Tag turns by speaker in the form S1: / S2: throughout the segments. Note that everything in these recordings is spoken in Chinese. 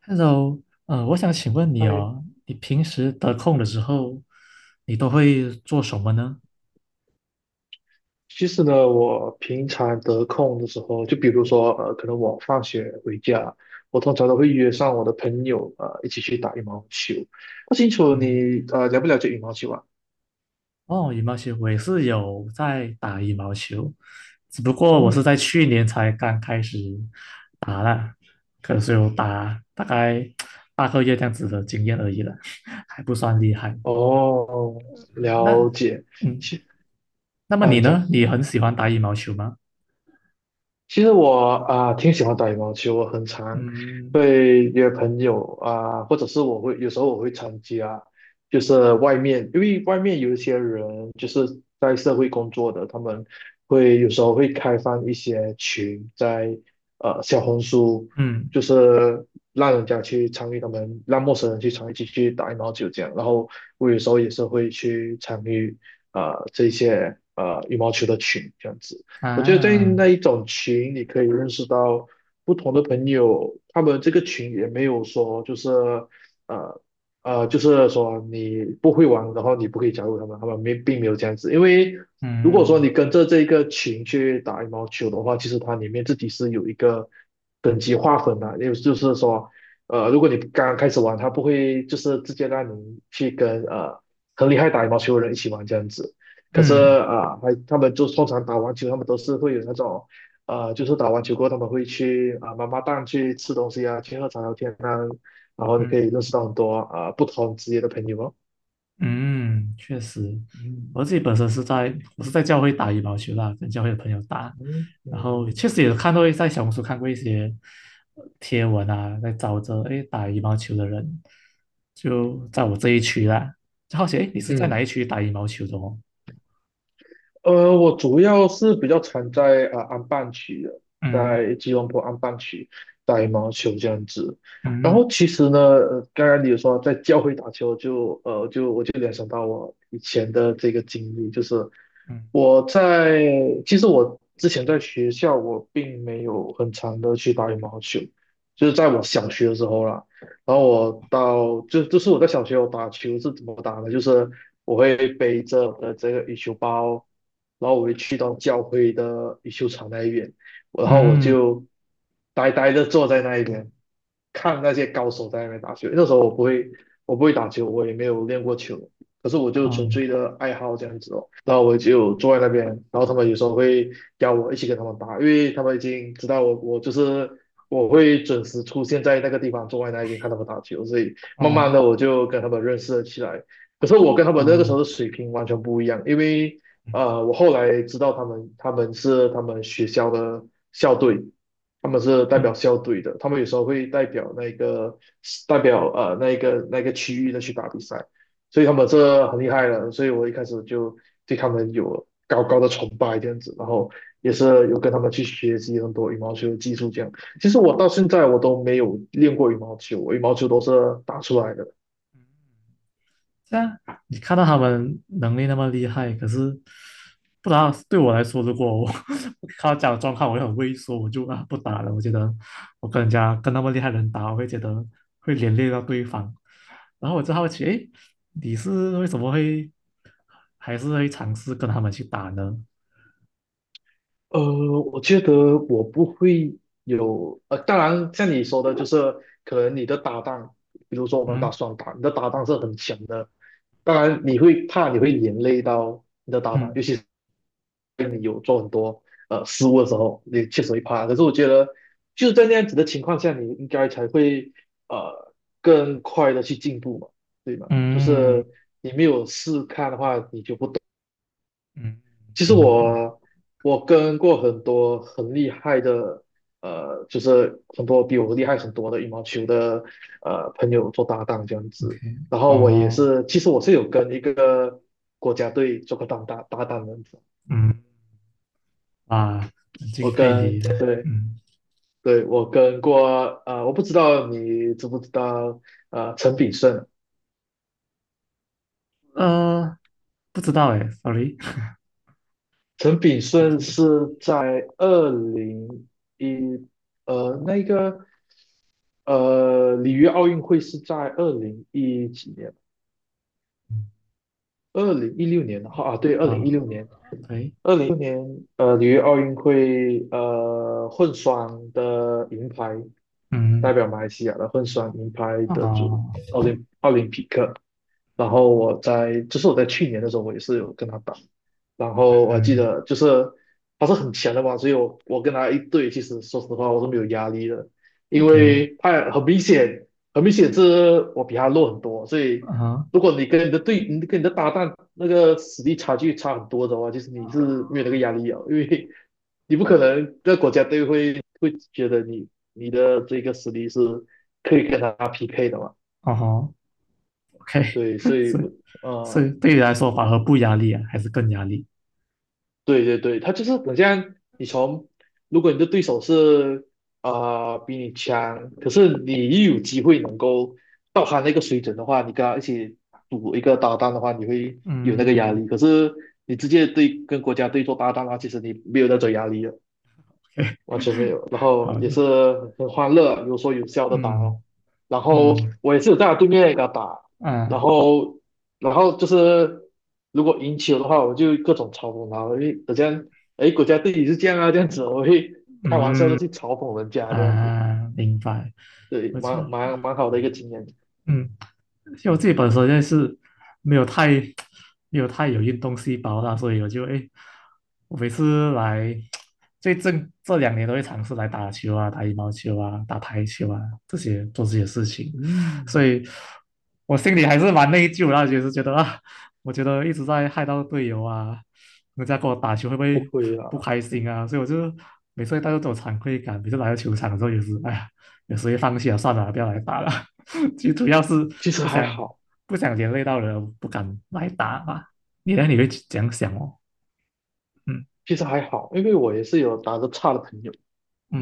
S1: Hello，我想请问你
S2: 哎，
S1: 哦，你平时得空的时候，你都会做什么呢？
S2: 其实呢，我平常得空的时候，就比如说，可能我放学回家，我通常都会约上我的朋友，一起去打羽毛球。不清楚
S1: 嗯，
S2: 你，了不了解羽毛球啊？
S1: 哦，羽毛球，我也是有在打羽毛球，只不过我是在
S2: 哦，
S1: 去年才刚开始打了，可是有打大概8个月这样子的经验而已了，还不算厉害。
S2: 哦，
S1: 那
S2: 了解。
S1: 嗯，
S2: 其
S1: 那么
S2: 按
S1: 你
S2: 你讲。
S1: 呢？你很喜欢打羽毛球吗？
S2: 其实我啊、挺喜欢打羽毛球，我很常
S1: 嗯
S2: 会约朋友啊、或者是有时候我会参加，就是外面，因为外面有一些人就是在社会工作的，他们有时候会开放一些群在小红书，
S1: 嗯
S2: 就是让人家去参与他们，让陌生人去参与进去打羽毛球这样，然后我有时候也是会去参与啊这些羽毛球的群这样子。我觉得在
S1: 啊
S2: 那一种群，你可以认识到不同的朋友，他们这个群也没有说就是呃就是说你不会玩，然后你不可以加入他们，他们没并没有这样子。因为如果说
S1: 嗯
S2: 你跟着这个群去打羽毛球的话，其实它里面自己是有一个等级划分的，也就是说，如果你刚刚开始玩，他不会就是直接让你去跟很厉害打羽毛球的人一起玩这样子。可是
S1: 嗯。
S2: 啊，还他们就通常打完球，他们都是会有那种，就是打完球过后，他们会去啊妈妈档去吃东西啊，去喝茶聊天啊，然后你可
S1: 嗯
S2: 以认识到很多啊不同职业的朋友哦。
S1: 嗯，确实，
S2: 嗯
S1: 我自己本身是在教会打羽毛球啦，跟教会的朋友打，
S2: 嗯
S1: 然后
S2: 嗯
S1: 确实也看到在小红书看过一些贴文啊，在找着诶打羽毛球的人，就在我这一区啦，就好奇诶你是在哪一
S2: 嗯。
S1: 区打羽毛球的哦？
S2: 我主要是比较常在啊、安邦区的，
S1: 嗯
S2: 在吉隆坡安邦区打羽毛球这样子。然后
S1: 嗯
S2: 其实呢，刚刚你有说在教会打球就，我就联想到我以前的这个经历，就是
S1: 嗯
S2: 我在其实我之前在学校我并没有很常的去打羽毛球，就是在我小学的时候啦。然后我到就就是我在小学我打球是怎么打的，就是我会背着我的这个羽球包，然后我会去到教会的羽球场那一边，然后我
S1: 嗯
S2: 就呆呆的坐在那一边，看那些高手在那边打球。那时候我不会打球，我也没有练过球，可是我就纯
S1: 哦
S2: 粹的爱好这样子哦，然后我就坐在那边，然后他们有时候会邀我一起跟他们打，因为他们已经知道我我就是我会准时出现在那个地方，坐在那边看他们打球，所以慢慢
S1: 哦
S2: 的我就跟他们认识了起来。可是我跟他们那个时候的
S1: 哦
S2: 水平完全不一样，因为
S1: 嗯
S2: 我后来知道他们是他们学校的校队，他们是代表
S1: 嗯。
S2: 校队的，他们有时候会代表那个区域的去打比赛。所以他们这很厉害了，所以我一开始就对他们有高高的崇拜这样子，然后也是有跟他们去学习很多羽毛球的技术这样。其实我到现在我都没有练过羽毛球，我羽毛球都是打出来的。
S1: 这啊，你看到他们能力那么厉害，可是不知道对我来说，如果我 看到这样的状况，我就很畏缩，我就啊不打了。我觉得我跟人家跟那么厉害的人打，我会觉得会连累到对方。然后我就好奇，诶，你是为什么会还是会尝试跟他们去打呢？
S2: 呃，我觉得我不会有，当然像你说的，就是可能你的搭档，比如说我们打
S1: 嗯
S2: 双打，你的搭档是很强的，当然你会怕你会连累到你的搭档，
S1: 嗯
S2: 尤其。你有做很多失误的时候，你确实会怕。可是我觉得就是在那样子的情况下，你应该才会呃更快的去进步嘛，对吗？就
S1: 嗯
S2: 是你没有试看的话，你就不懂。
S1: 嗯，
S2: 其实
S1: 明白
S2: 我跟过很多很厉害的就是很多比我厉害很多的羽毛球的朋友做搭档这样子。
S1: ，OK，
S2: 然后我也
S1: 哦，
S2: 是，其实我是有跟一个国家队做过搭档的，
S1: 嗯啊，很敬佩你，
S2: 对
S1: 嗯
S2: 对，我跟过，我不知道你知不知道，陈炳顺，
S1: 呃，不知道诶，sorry。
S2: 陈炳
S1: OK
S2: 顺是在二零一，呃，那个，呃，里约奥运会是在201几年，二零一六年，啊，对，二零一
S1: 啊
S2: 六年，
S1: ，OK，
S2: 二零一六年，里约奥运会，混双的银牌，代
S1: 嗯，
S2: 表马来西亚的混双银牌得主
S1: 啊，
S2: 奥林匹克。然后我在去年的时候，我也是有跟他打，然后我还记
S1: 嗯
S2: 得就是他是很强的嘛，所以我跟他一对，其实说实话我是没有压力的，因
S1: ，OK，
S2: 为他很明显是我比他弱很多，所以
S1: 啊哈，
S2: 如果你跟你的队，你跟你的搭档那个实力差距差很多的话，其实你是没有那个压力啊，因为你不可能在国家队会觉得你的这个实力是可以跟他匹配的嘛？
S1: 啊吼，OK，
S2: 对。所 以
S1: 所以
S2: 我
S1: 所以
S2: 呃，
S1: 对你来说，反而不压力啊，还是更压力
S2: 对对对，他就是好像你从，如果你的对手是啊、比你强，可是你又有机会能够到他那个水准的话，你跟他一起赌一个搭档的话，你会有那个压
S1: 嗯，
S2: 力。可是你直接对跟国家队做搭档的话，其实你没有那种压力了。
S1: ？OK，
S2: 完全没有。然 后
S1: 好
S2: 也是
S1: 的，
S2: 很欢乐，有说有笑的打哦。
S1: 嗯，
S2: 然后
S1: 嗯，
S2: 我也是有在他对面给他打，然
S1: 啊，
S2: 后就是如果赢球的话，我就各种嘲讽他，我会好像哎国家队也是这样啊这样子，我会开玩笑的
S1: 嗯，
S2: 去嘲讽人家这样子，
S1: 啊，明白，
S2: 对，
S1: 我这。
S2: 蛮好的一个经验。
S1: 嗯。因为我自己本身就是没有太 没有太有运动细胞啦，所以我就哎，我每次来最近这2年都会尝试来打球啊、打羽毛球啊、打排球啊这些做这些事情，所
S2: 嗯，
S1: 以我心里还是蛮内疚的啦，就是觉得啊，我觉得一直在害到队友啊，人家跟我打球会不
S2: 不
S1: 会
S2: 亏
S1: 不
S2: 啊，
S1: 开心啊？所以我就每次会带着这种惭愧感，每次来到球场的时候也是，哎呀，有时候也放弃了，算了啊，不要来打了。最主要是
S2: 其实
S1: 不
S2: 还
S1: 想
S2: 好，
S1: 不想连累到人，不敢来打吧。你呢？你会这样想哦？嗯
S2: 其实还好，因为我也是有打得差的朋友。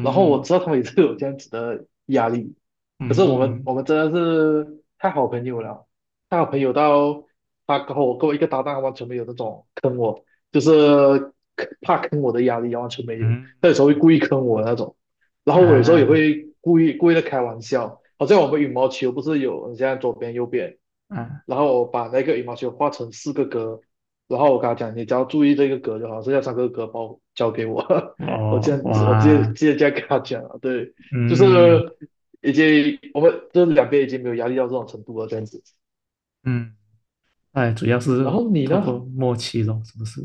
S2: 然后我知道他们也是有这样子的压力，可是我们
S1: 嗯
S2: 我们真的是太好朋友了，太好朋友到他跟我一个搭档完全没有那种坑我，就是怕坑我的压力啊完全没有，
S1: 嗯
S2: 他有时候会故意坑我的那种，然后我有时候也
S1: 啊
S2: 会故意的开玩笑，好像我们羽毛球不是有你现在左边右边，
S1: 啊！
S2: 然后我把那个羽毛球画成四个格，然后我跟他讲，你只要注意这个格就好，剩下三个格包交给我。我这
S1: 我
S2: 样子，我直接直
S1: 哇，
S2: 接这样跟他讲了，对，就
S1: 嗯
S2: 是已经我们这两边已经没有压力到这种程度了，这样子。
S1: 嗯，哎，主要
S2: 然
S1: 是
S2: 后你
S1: 透过
S2: 呢？
S1: 默契咯，是不是？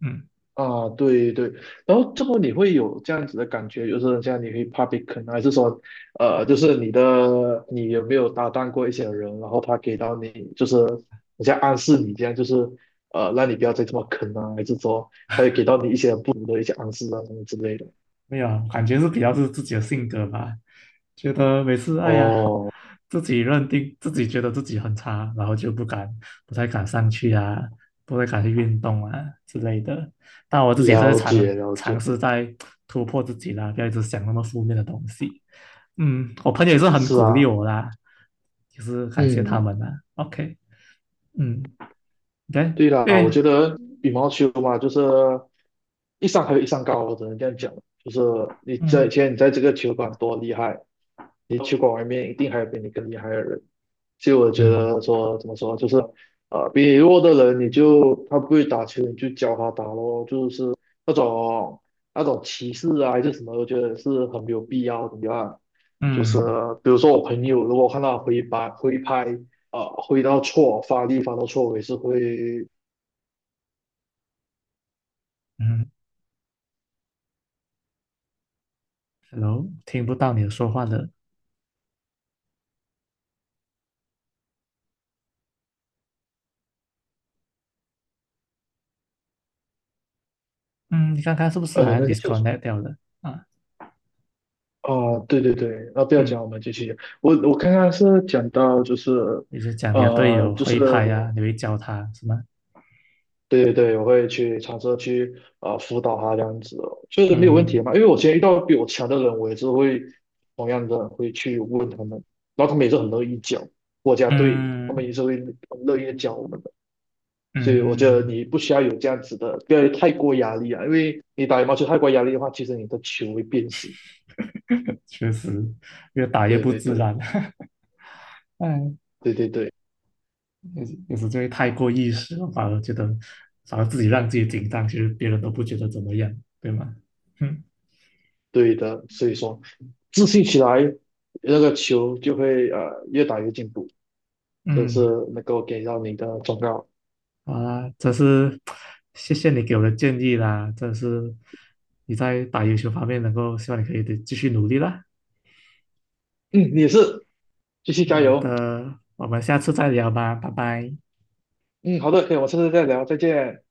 S1: 嗯。
S2: 啊，对对，然后这么你会有这样子的感觉，就是这样你会怕被坑啊，还是说，就是你有没有搭档过一些人，然后他给到你就是好像暗示你这样，就是让你不要再这么坑啊，还是说他有给到你一些不同的一些暗示啊什么之类的？
S1: 没有，感觉是比较是自己的性格吧，觉得每次哎呀，
S2: 哦，
S1: 自己认定自己觉得自己很差，然后就不敢，不太敢上去啊，不太敢去运动啊之类的。但我自己也是在
S2: 了解了
S1: 尝
S2: 解，
S1: 试在突破自己啦，不要一直想那么负面的东西。嗯，我朋友也是很
S2: 是
S1: 鼓励
S2: 啊，
S1: 我啦，就是感谢他
S2: 嗯，
S1: 们啦。OK，嗯，对，
S2: 对啦，我
S1: 对，
S2: 觉得羽毛球嘛，就是一山还有一山高，我只能这样讲。就是你在
S1: 嗯
S2: 现在你在这个球馆多厉害，你球馆外面一定还有比你更厉害的人。所以我觉
S1: 嗯
S2: 得说怎么说，就是比你弱的人，你就他不会打球，你就教他打咯，就是那种那种歧视啊还是什么，我觉得是很没有必要的啊。就是
S1: 嗯
S2: 比如说我朋友，如果看到挥拍挥拍。啊，挥到错，发力发到错，我也是会
S1: 嗯，Hello，听不到你说话了。嗯，你看看是不是好像
S2: 那个就是
S1: disconnect 掉了啊？
S2: 啊，对对对，啊，不要
S1: 嗯，
S2: 讲，我们继续。我刚刚是讲到就是，
S1: 也就讲你的队友
S2: 就
S1: 会
S2: 是
S1: 拍啊，
S2: 我，
S1: 你会教他是吗？
S2: 对对对，我会去尝试去辅导他这样子哦，就是没有问题
S1: 嗯
S2: 嘛。因为我今天遇到比我强的人，我也是同样的会去问他们，然后他们也是很乐意教国家队他们
S1: 嗯
S2: 也是会很乐意地讲我们的。所以我觉得
S1: 嗯，
S2: 你不需要有这样子的，不要有太过压力啊，因为你打羽毛球太过压力的话，其实你的球会变形。
S1: 确实越打越
S2: 对
S1: 不
S2: 对
S1: 自
S2: 对
S1: 然。嗯，
S2: 对对对。
S1: 有时就会太过意识了，反而觉得反而自己让自己紧张，其实别人都不觉得怎么样，对吗？嗯
S2: 对的，所以说自信起来，那个球就会越打越进步，这是
S1: 嗯，
S2: 能够给到你的忠告。
S1: 好啦，这是谢谢你给我的建议啦，这是你在打游球方面能够，希望你可以得继续努力啦。
S2: 嗯，你也是，继续加
S1: 好
S2: 油。
S1: 的，我们下次再聊吧，拜拜。
S2: 嗯，好的，可以，我们下次再聊，再见。